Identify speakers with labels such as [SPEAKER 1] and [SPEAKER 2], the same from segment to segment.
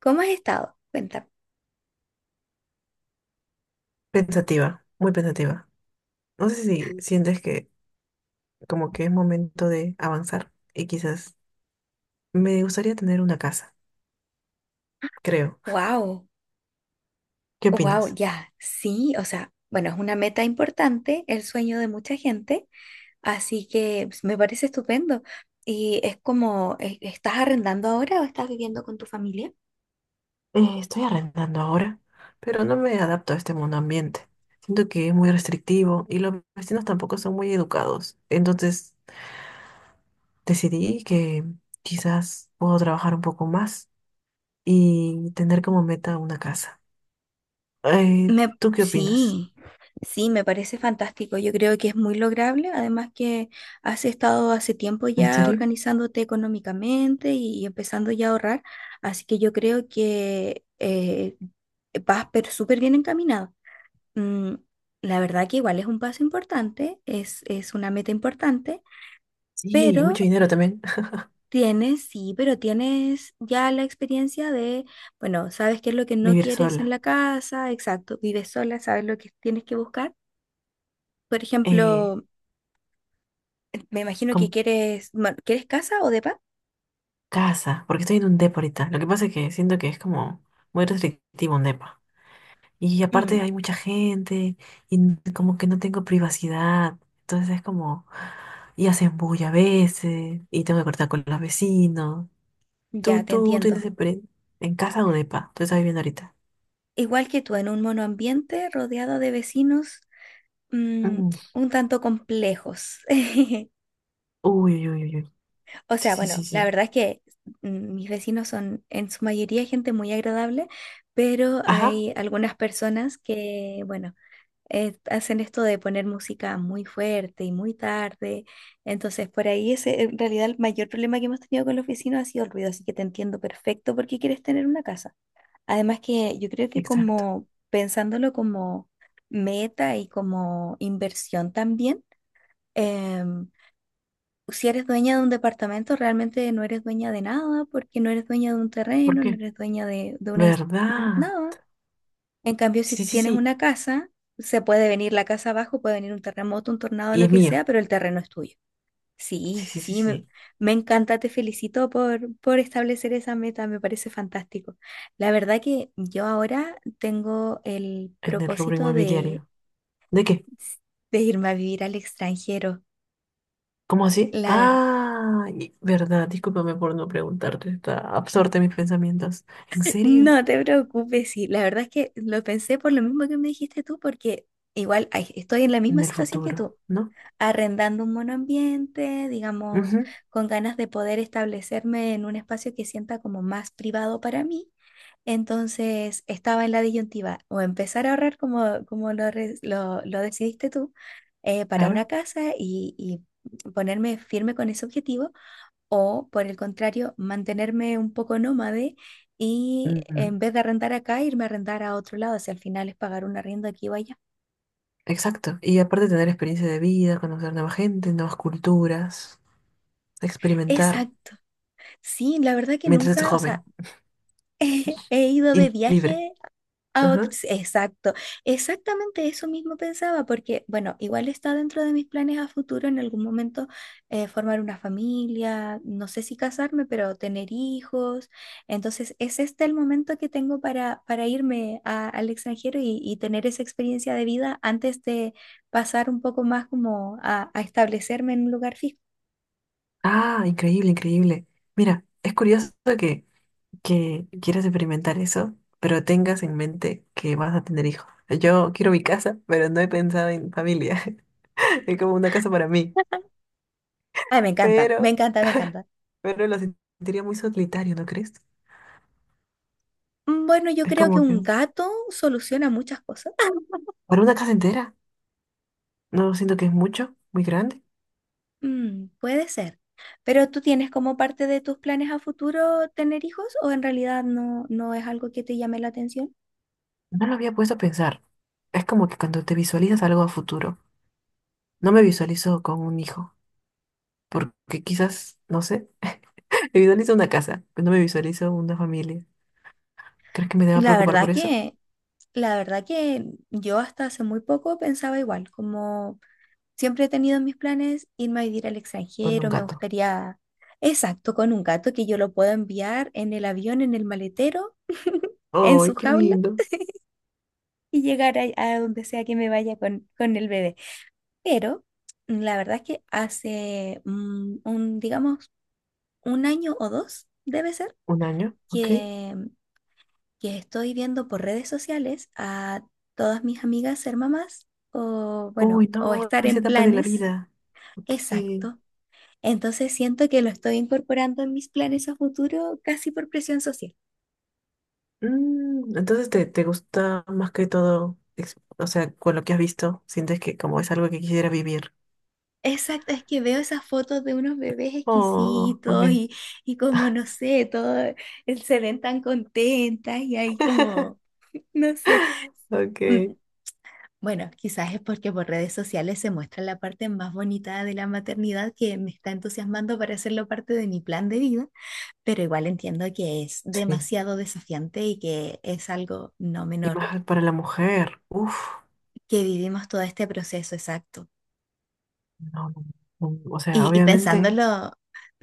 [SPEAKER 1] ¿Cómo has estado? Cuenta.
[SPEAKER 2] Pensativa, muy pensativa. No sé si sientes que como que es momento de avanzar y quizás me gustaría tener una casa, creo.
[SPEAKER 1] Wow,
[SPEAKER 2] ¿Qué
[SPEAKER 1] wow,
[SPEAKER 2] opinas?
[SPEAKER 1] ya, sí, o sea, bueno, es una meta importante, el sueño de mucha gente, así que pues, me parece estupendo. Y es como, ¿estás arrendando ahora o estás viviendo con tu familia?
[SPEAKER 2] Estoy arrendando ahora, pero no me adapto a este mundo ambiente. Siento que es muy restrictivo y los vecinos tampoco son muy educados. Entonces decidí que quizás puedo trabajar un poco más y tener como meta una casa.
[SPEAKER 1] Me,
[SPEAKER 2] ¿Tú qué opinas?
[SPEAKER 1] sí, sí, me parece fantástico. Yo creo que es muy lograble, además que has estado hace tiempo
[SPEAKER 2] ¿En
[SPEAKER 1] ya
[SPEAKER 2] serio?
[SPEAKER 1] organizándote económicamente y empezando ya a ahorrar, así que yo creo que vas pero súper bien encaminado. Mm, la verdad que igual es un paso importante, es una meta importante,
[SPEAKER 2] Sí, y
[SPEAKER 1] pero
[SPEAKER 2] mucho dinero también.
[SPEAKER 1] tienes, sí, pero tienes ya la experiencia de, bueno, sabes qué es lo que no
[SPEAKER 2] Vivir
[SPEAKER 1] quieres en
[SPEAKER 2] sola.
[SPEAKER 1] la casa, exacto, vives sola, sabes lo que tienes que buscar. Por
[SPEAKER 2] Eh,
[SPEAKER 1] ejemplo, me imagino que
[SPEAKER 2] Como
[SPEAKER 1] quieres, bueno, ¿quieres casa o depa?
[SPEAKER 2] casa, porque estoy en un depa ahorita. Lo que pasa es que siento que es como muy restrictivo un depa. Y
[SPEAKER 1] Mm,
[SPEAKER 2] aparte hay mucha gente y como que no tengo privacidad. Entonces es como, y hacen bulla a veces y tengo que cortar con los vecinos.
[SPEAKER 1] ya,
[SPEAKER 2] ¿Tú,
[SPEAKER 1] te
[SPEAKER 2] tú
[SPEAKER 1] entiendo.
[SPEAKER 2] tienes experiencia en casa o depa? Tú estás viviendo ahorita.
[SPEAKER 1] Igual que tú, en un monoambiente rodeado de vecinos, mm,
[SPEAKER 2] Mm.
[SPEAKER 1] un tanto complejos.
[SPEAKER 2] Uy, uy, uy, uy, uy.
[SPEAKER 1] O sea,
[SPEAKER 2] Sí, sí, sí,
[SPEAKER 1] bueno, la
[SPEAKER 2] sí.
[SPEAKER 1] verdad es que mis vecinos son en su mayoría gente muy agradable, pero
[SPEAKER 2] Ajá,
[SPEAKER 1] hay algunas personas que, bueno, hacen esto de poner música muy fuerte y muy tarde. Entonces, por ahí ese, en realidad el mayor problema que hemos tenido con los vecinos ha sido el ruido, así que te entiendo perfecto por qué quieres tener una casa. Además que yo creo que
[SPEAKER 2] exacto.
[SPEAKER 1] como pensándolo como meta y como inversión también. em, si eres dueña de un departamento, realmente no eres dueña de nada, porque no eres dueña de un
[SPEAKER 2] ¿Por
[SPEAKER 1] terreno, no
[SPEAKER 2] qué?
[SPEAKER 1] eres dueña de,
[SPEAKER 2] ¿Verdad?
[SPEAKER 1] nada. En cambio, si
[SPEAKER 2] Sí, sí,
[SPEAKER 1] tienes
[SPEAKER 2] sí.
[SPEAKER 1] una casa, se puede venir la casa abajo, puede venir un terremoto, un tornado,
[SPEAKER 2] Y
[SPEAKER 1] lo
[SPEAKER 2] es
[SPEAKER 1] que
[SPEAKER 2] mío.
[SPEAKER 1] sea, pero el terreno es tuyo. Sí,
[SPEAKER 2] Sí, sí, sí,
[SPEAKER 1] sí, me,
[SPEAKER 2] sí.
[SPEAKER 1] me encanta, te felicito por establecer esa meta, me parece fantástico. La verdad que yo ahora tengo el
[SPEAKER 2] En el rubro
[SPEAKER 1] propósito
[SPEAKER 2] inmobiliario. ¿De qué?
[SPEAKER 1] de irme a vivir al extranjero.
[SPEAKER 2] ¿Cómo así?
[SPEAKER 1] La verdad.
[SPEAKER 2] Ah, verdad, discúlpame por no preguntarte, está absorta en mis pensamientos. ¿En serio?
[SPEAKER 1] No te preocupes, sí, la verdad es que lo pensé por lo mismo que me dijiste tú, porque igual ay, estoy en la misma
[SPEAKER 2] En el
[SPEAKER 1] situación que
[SPEAKER 2] futuro,
[SPEAKER 1] tú,
[SPEAKER 2] ¿no?
[SPEAKER 1] arrendando un monoambiente, digamos,
[SPEAKER 2] Ujú,
[SPEAKER 1] con ganas de poder establecerme en un espacio que sienta como más privado para mí. Entonces estaba en la disyuntiva, o empezar a ahorrar como, como lo, lo decidiste tú, para una
[SPEAKER 2] claro.
[SPEAKER 1] casa y ponerme firme con ese objetivo o, por el contrario, mantenerme un poco nómade y
[SPEAKER 2] Mm,
[SPEAKER 1] en vez de arrendar acá, irme a arrendar a otro lado. Si al final es pagar un arriendo aquí o allá.
[SPEAKER 2] exacto. Y aparte tener experiencia de vida, conocer nueva gente, nuevas culturas, experimentar
[SPEAKER 1] Exacto. Sí, la verdad que
[SPEAKER 2] mientras estés
[SPEAKER 1] nunca, o sea,
[SPEAKER 2] joven
[SPEAKER 1] he ido de
[SPEAKER 2] y libre.
[SPEAKER 1] viaje a
[SPEAKER 2] Ajá.
[SPEAKER 1] otros, exacto. Exactamente eso mismo pensaba, porque, bueno, igual está dentro de mis planes a futuro en algún momento formar una familia, no sé si casarme, pero tener hijos. Entonces, es este el momento que tengo para al extranjero y tener esa experiencia de vida antes de pasar un poco más como a establecerme en un lugar fijo.
[SPEAKER 2] Ah, increíble, increíble. Mira, es curioso que, que quieras experimentar eso, pero tengas en mente que vas a tener hijos. Yo quiero mi casa, pero no he pensado en familia. Es como una casa para mí.
[SPEAKER 1] Ay, me encanta, me
[SPEAKER 2] Pero,
[SPEAKER 1] encanta, me encanta.
[SPEAKER 2] pero lo sentiría muy solitario, ¿no crees?
[SPEAKER 1] Mm, bueno, yo
[SPEAKER 2] Es
[SPEAKER 1] creo que
[SPEAKER 2] como que
[SPEAKER 1] un gato soluciona muchas cosas.
[SPEAKER 2] para una casa entera, no siento que es mucho, muy grande.
[SPEAKER 1] Mm, puede ser. Pero tú tienes como parte de tus planes a futuro tener hijos o en realidad no, ¿no es algo que te llame la atención?
[SPEAKER 2] No lo había puesto a pensar. Es como que cuando te visualizas algo a futuro, no me visualizo con un hijo, porque quizás, no sé, me visualizo una casa, pero no me visualizo una familia. ¿Crees que me deba
[SPEAKER 1] La
[SPEAKER 2] preocupar por
[SPEAKER 1] verdad
[SPEAKER 2] eso?
[SPEAKER 1] que, la verdad que yo hasta hace muy poco pensaba igual, como siempre he tenido en mis planes irme a vivir al
[SPEAKER 2] Con un
[SPEAKER 1] extranjero, me
[SPEAKER 2] gato.
[SPEAKER 1] gustaría, exacto, con un gato que yo lo pueda enviar en el avión, en el maletero, en
[SPEAKER 2] ¡Ay,
[SPEAKER 1] su
[SPEAKER 2] qué
[SPEAKER 1] jaula
[SPEAKER 2] lindo!
[SPEAKER 1] y llegar a donde sea que me vaya con el bebé. Pero la verdad es que hace un, digamos, un año o dos, debe ser,
[SPEAKER 2] ¿Un año? ¿Ok?
[SPEAKER 1] que, que estoy viendo por redes sociales a todas mis amigas ser mamás o, bueno,
[SPEAKER 2] Uy,
[SPEAKER 1] o
[SPEAKER 2] no,
[SPEAKER 1] estar
[SPEAKER 2] esa
[SPEAKER 1] en
[SPEAKER 2] etapa de la
[SPEAKER 1] planes.
[SPEAKER 2] vida. Ok.
[SPEAKER 1] Exacto. Entonces siento que lo estoy incorporando en mis planes a futuro casi por presión social.
[SPEAKER 2] Mm, entonces te gusta más que todo, o sea, con lo que has visto, sientes que como es algo que quisiera vivir.
[SPEAKER 1] Exacto, es que veo esas fotos de unos bebés
[SPEAKER 2] Oh,
[SPEAKER 1] exquisitos
[SPEAKER 2] ok,
[SPEAKER 1] y como, no sé, todo, se ven tan contentas y hay como... No sé, mm,
[SPEAKER 2] ok.
[SPEAKER 1] bueno, quizás es porque por redes sociales se muestra la parte más bonita de la maternidad que me está entusiasmando para hacerlo parte de mi plan de vida, pero igual entiendo que es
[SPEAKER 2] Sí.
[SPEAKER 1] demasiado desafiante y que es algo no
[SPEAKER 2] Y
[SPEAKER 1] menor,
[SPEAKER 2] más para la mujer. Uf,
[SPEAKER 1] que vivimos todo este proceso exacto.
[SPEAKER 2] no, no, no, o sea,
[SPEAKER 1] Y
[SPEAKER 2] obviamente
[SPEAKER 1] pensándolo,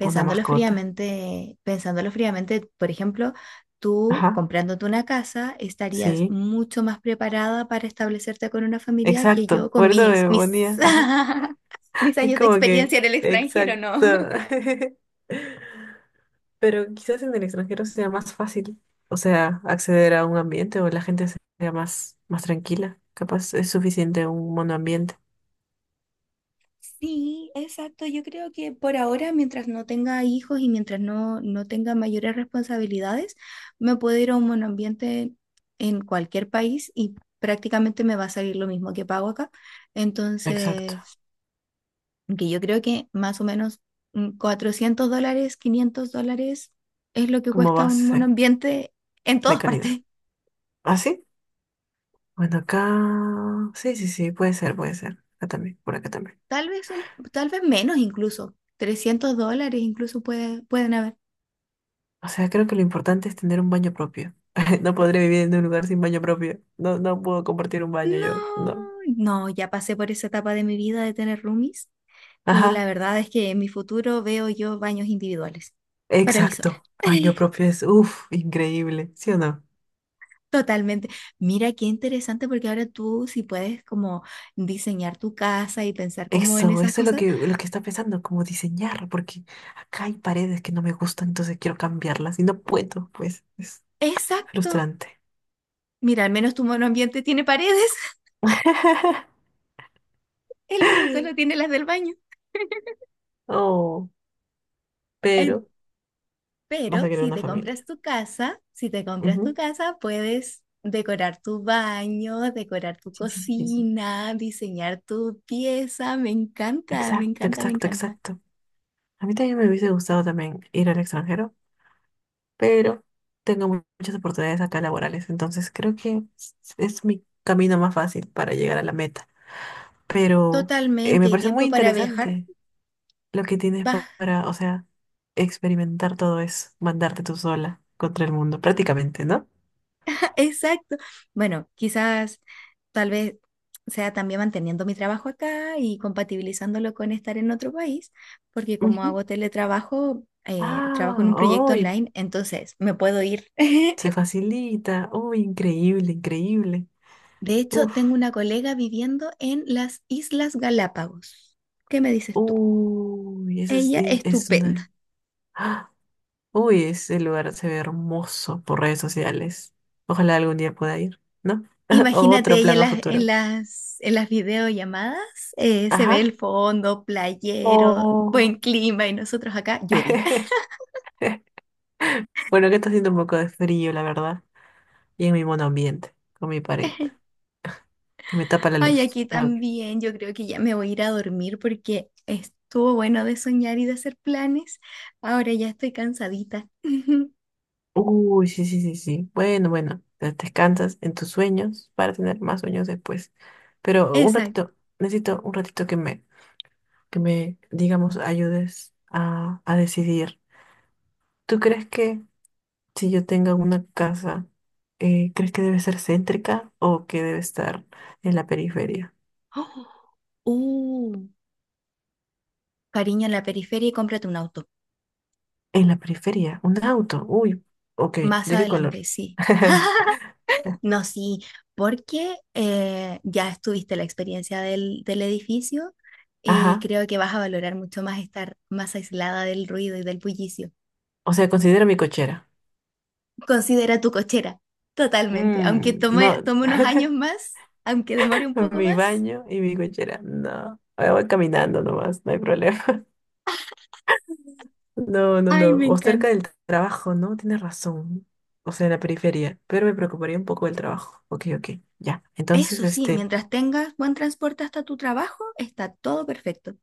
[SPEAKER 2] una mascota.
[SPEAKER 1] pensándolo fríamente, por ejemplo, tú
[SPEAKER 2] Ajá,
[SPEAKER 1] comprándote una casa estarías
[SPEAKER 2] sí,
[SPEAKER 1] mucho más preparada para establecerte con una familia que yo
[SPEAKER 2] exacto.
[SPEAKER 1] con
[SPEAKER 2] Por eso me ponía,
[SPEAKER 1] mis
[SPEAKER 2] ajá.
[SPEAKER 1] mis
[SPEAKER 2] Es
[SPEAKER 1] años de
[SPEAKER 2] como que,
[SPEAKER 1] experiencia en el extranjero,
[SPEAKER 2] exacto.
[SPEAKER 1] ¿no?
[SPEAKER 2] Pero quizás en el extranjero sea más fácil, o sea, acceder a un ambiente o la gente sea más, más tranquila. Capaz es suficiente un monoambiente.
[SPEAKER 1] Sí, exacto. Yo creo que por ahora, mientras no tenga hijos y mientras no tenga mayores responsabilidades, me puedo ir a un monoambiente en cualquier país y prácticamente me va a salir lo mismo que pago acá.
[SPEAKER 2] Exacto.
[SPEAKER 1] Entonces, que yo creo que más o menos $400, $500 es lo que
[SPEAKER 2] Como
[SPEAKER 1] cuesta un
[SPEAKER 2] base
[SPEAKER 1] monoambiente en
[SPEAKER 2] de
[SPEAKER 1] todas
[SPEAKER 2] calidad.
[SPEAKER 1] partes.
[SPEAKER 2] ¿Ah, sí? Bueno, acá... Sí, sí, sí, puede ser, puede ser. Acá también, por acá también.
[SPEAKER 1] Tal vez, un, tal vez menos incluso. $300 incluso puede, pueden haber.
[SPEAKER 2] O sea, creo que lo importante es tener un baño propio. No podré vivir en un lugar sin baño propio. No, no puedo compartir un baño
[SPEAKER 1] No,
[SPEAKER 2] yo, no.
[SPEAKER 1] no, ya pasé por esa etapa de mi vida de tener roomies y la
[SPEAKER 2] Ajá,
[SPEAKER 1] verdad es que en mi futuro veo yo baños individuales para mí sola.
[SPEAKER 2] exacto. Baño propio es, uff, increíble, ¿sí o no?
[SPEAKER 1] Totalmente. Mira qué interesante porque ahora tú si puedes como diseñar tu casa y pensar como en
[SPEAKER 2] Eso,
[SPEAKER 1] esas
[SPEAKER 2] eso es lo
[SPEAKER 1] cosas.
[SPEAKER 2] que, lo que está pensando, como diseñar, porque acá hay paredes que no me gustan, entonces quiero cambiarlas y no puedo, pues es
[SPEAKER 1] Exacto.
[SPEAKER 2] frustrante.
[SPEAKER 1] Mira, al menos tu monoambiente tiene paredes, el mío solo tiene las del baño.
[SPEAKER 2] Oh,
[SPEAKER 1] En-
[SPEAKER 2] pero vas
[SPEAKER 1] Pero
[SPEAKER 2] a querer
[SPEAKER 1] si
[SPEAKER 2] una
[SPEAKER 1] te compras
[SPEAKER 2] familia.
[SPEAKER 1] tu casa, si te compras tu
[SPEAKER 2] Ujú.
[SPEAKER 1] casa, puedes decorar tu baño, decorar tu
[SPEAKER 2] Sí, sí, sí, sí.
[SPEAKER 1] cocina, diseñar tu pieza. Me encanta, me
[SPEAKER 2] Exacto,
[SPEAKER 1] encanta, me
[SPEAKER 2] exacto,
[SPEAKER 1] encanta.
[SPEAKER 2] exacto. A mí también me hubiese gustado también ir al extranjero, pero tengo muchas oportunidades acá laborales, entonces creo que es mi camino más fácil para llegar a la meta. Pero
[SPEAKER 1] Totalmente.
[SPEAKER 2] me
[SPEAKER 1] ¿Y
[SPEAKER 2] parece muy
[SPEAKER 1] tiempo para viajar?
[SPEAKER 2] interesante. Lo que tienes
[SPEAKER 1] Va,
[SPEAKER 2] para, o sea, experimentar todo es mandarte tú sola contra el mundo, prácticamente, ¿no?
[SPEAKER 1] exacto. Bueno, quizás tal vez sea también manteniendo mi trabajo acá y compatibilizándolo con estar en otro país, porque como
[SPEAKER 2] Ujú.
[SPEAKER 1] hago teletrabajo, trabajo en un
[SPEAKER 2] Ah,
[SPEAKER 1] proyecto
[SPEAKER 2] uy,
[SPEAKER 1] online, entonces me puedo ir.
[SPEAKER 2] se facilita. Uy, increíble, increíble.
[SPEAKER 1] De hecho,
[SPEAKER 2] Uf,
[SPEAKER 1] tengo una colega viviendo en las Islas Galápagos. ¿Qué me dices tú?
[SPEAKER 2] uy, ese es,
[SPEAKER 1] Ella
[SPEAKER 2] es
[SPEAKER 1] estupenda.
[SPEAKER 2] una... ¡Ah! Uy, ese lugar se ve hermoso por redes sociales. Ojalá algún día pueda ir, ¿no? O
[SPEAKER 1] Imagínate,
[SPEAKER 2] otro
[SPEAKER 1] ella
[SPEAKER 2] plan
[SPEAKER 1] en
[SPEAKER 2] a
[SPEAKER 1] las,
[SPEAKER 2] futuro.
[SPEAKER 1] en las videollamadas se ve el
[SPEAKER 2] Ajá.
[SPEAKER 1] fondo, playero, buen
[SPEAKER 2] Oh.
[SPEAKER 1] clima y nosotros acá, lluvia.
[SPEAKER 2] Bueno, que está haciendo un poco de frío, la verdad. Y en mi monoambiente, con mi pared que me tapa la
[SPEAKER 1] Ay,
[SPEAKER 2] luz.
[SPEAKER 1] aquí
[SPEAKER 2] Ah, ok.
[SPEAKER 1] también, yo creo que ya me voy a ir a dormir porque estuvo bueno de soñar y de hacer planes. Ahora ya estoy cansadita.
[SPEAKER 2] Uy, sí, sí, sí, sí. Bueno, bueno, descansas en tus sueños para tener más sueños después. Pero un
[SPEAKER 1] Exacto.
[SPEAKER 2] ratito, necesito un ratito que me, digamos, ayudes a decidir. ¿Tú crees que si yo tenga una casa, crees que debe ser céntrica o que debe estar en la periferia?
[SPEAKER 1] Oh, cariño, en la periferia y cómprate un auto.
[SPEAKER 2] En la periferia, un auto. Uy, ok,
[SPEAKER 1] Más
[SPEAKER 2] ¿de qué
[SPEAKER 1] adelante,
[SPEAKER 2] color?
[SPEAKER 1] sí. No, sí, porque ya estuviste la experiencia del, del edificio y
[SPEAKER 2] Ajá.
[SPEAKER 1] creo que vas a valorar mucho más estar más aislada del ruido y del bullicio.
[SPEAKER 2] O sea, considera mi cochera.
[SPEAKER 1] Considera tu cochera, totalmente. Aunque
[SPEAKER 2] Mm,
[SPEAKER 1] tome,
[SPEAKER 2] no.
[SPEAKER 1] tome unos años más, aunque demore un poco
[SPEAKER 2] Mi
[SPEAKER 1] más.
[SPEAKER 2] baño y mi cochera. No, me voy caminando nomás, no hay problema. No, no,
[SPEAKER 1] Ay,
[SPEAKER 2] no.
[SPEAKER 1] me
[SPEAKER 2] O cerca
[SPEAKER 1] encanta.
[SPEAKER 2] del trabajo, ¿no? Tienes razón. O sea, en la periferia. Pero me preocuparía un poco el trabajo. Ok, ok, ya. Entonces,
[SPEAKER 1] Eso sí,
[SPEAKER 2] este,
[SPEAKER 1] mientras tengas buen transporte hasta tu trabajo, está todo perfecto.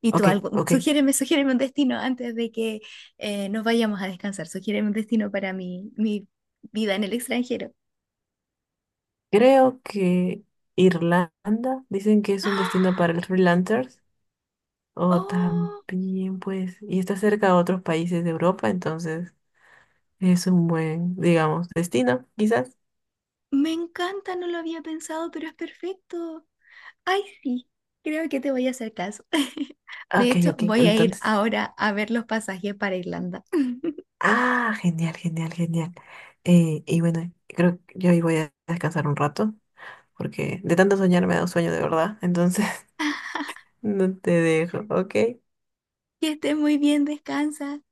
[SPEAKER 1] Y tú
[SPEAKER 2] ok,
[SPEAKER 1] algo,
[SPEAKER 2] ok.
[SPEAKER 1] sugiéreme, sugiéreme un destino antes de que nos vayamos a descansar. Sugiéreme un destino para mi, mi vida en el extranjero.
[SPEAKER 2] Creo que Irlanda, dicen que es un
[SPEAKER 1] ¡Ah!
[SPEAKER 2] destino para los freelancers. O
[SPEAKER 1] ¡Oh!
[SPEAKER 2] también, pues, y está cerca de otros países de Europa, entonces es un buen, digamos, destino, quizás.
[SPEAKER 1] Me encanta, no lo había pensado, pero es perfecto. Ay, sí, creo que te voy a hacer caso. De
[SPEAKER 2] Ok,
[SPEAKER 1] hecho,
[SPEAKER 2] ok.
[SPEAKER 1] voy a ir
[SPEAKER 2] Entonces.
[SPEAKER 1] ahora a ver los pasajes para Irlanda.
[SPEAKER 2] Ah, genial, genial, genial. Y bueno, creo que yo hoy voy a descansar un rato, porque de tanto soñar me da un sueño de verdad, entonces no te dejo, ¿ok?
[SPEAKER 1] Que estés muy bien, descansa.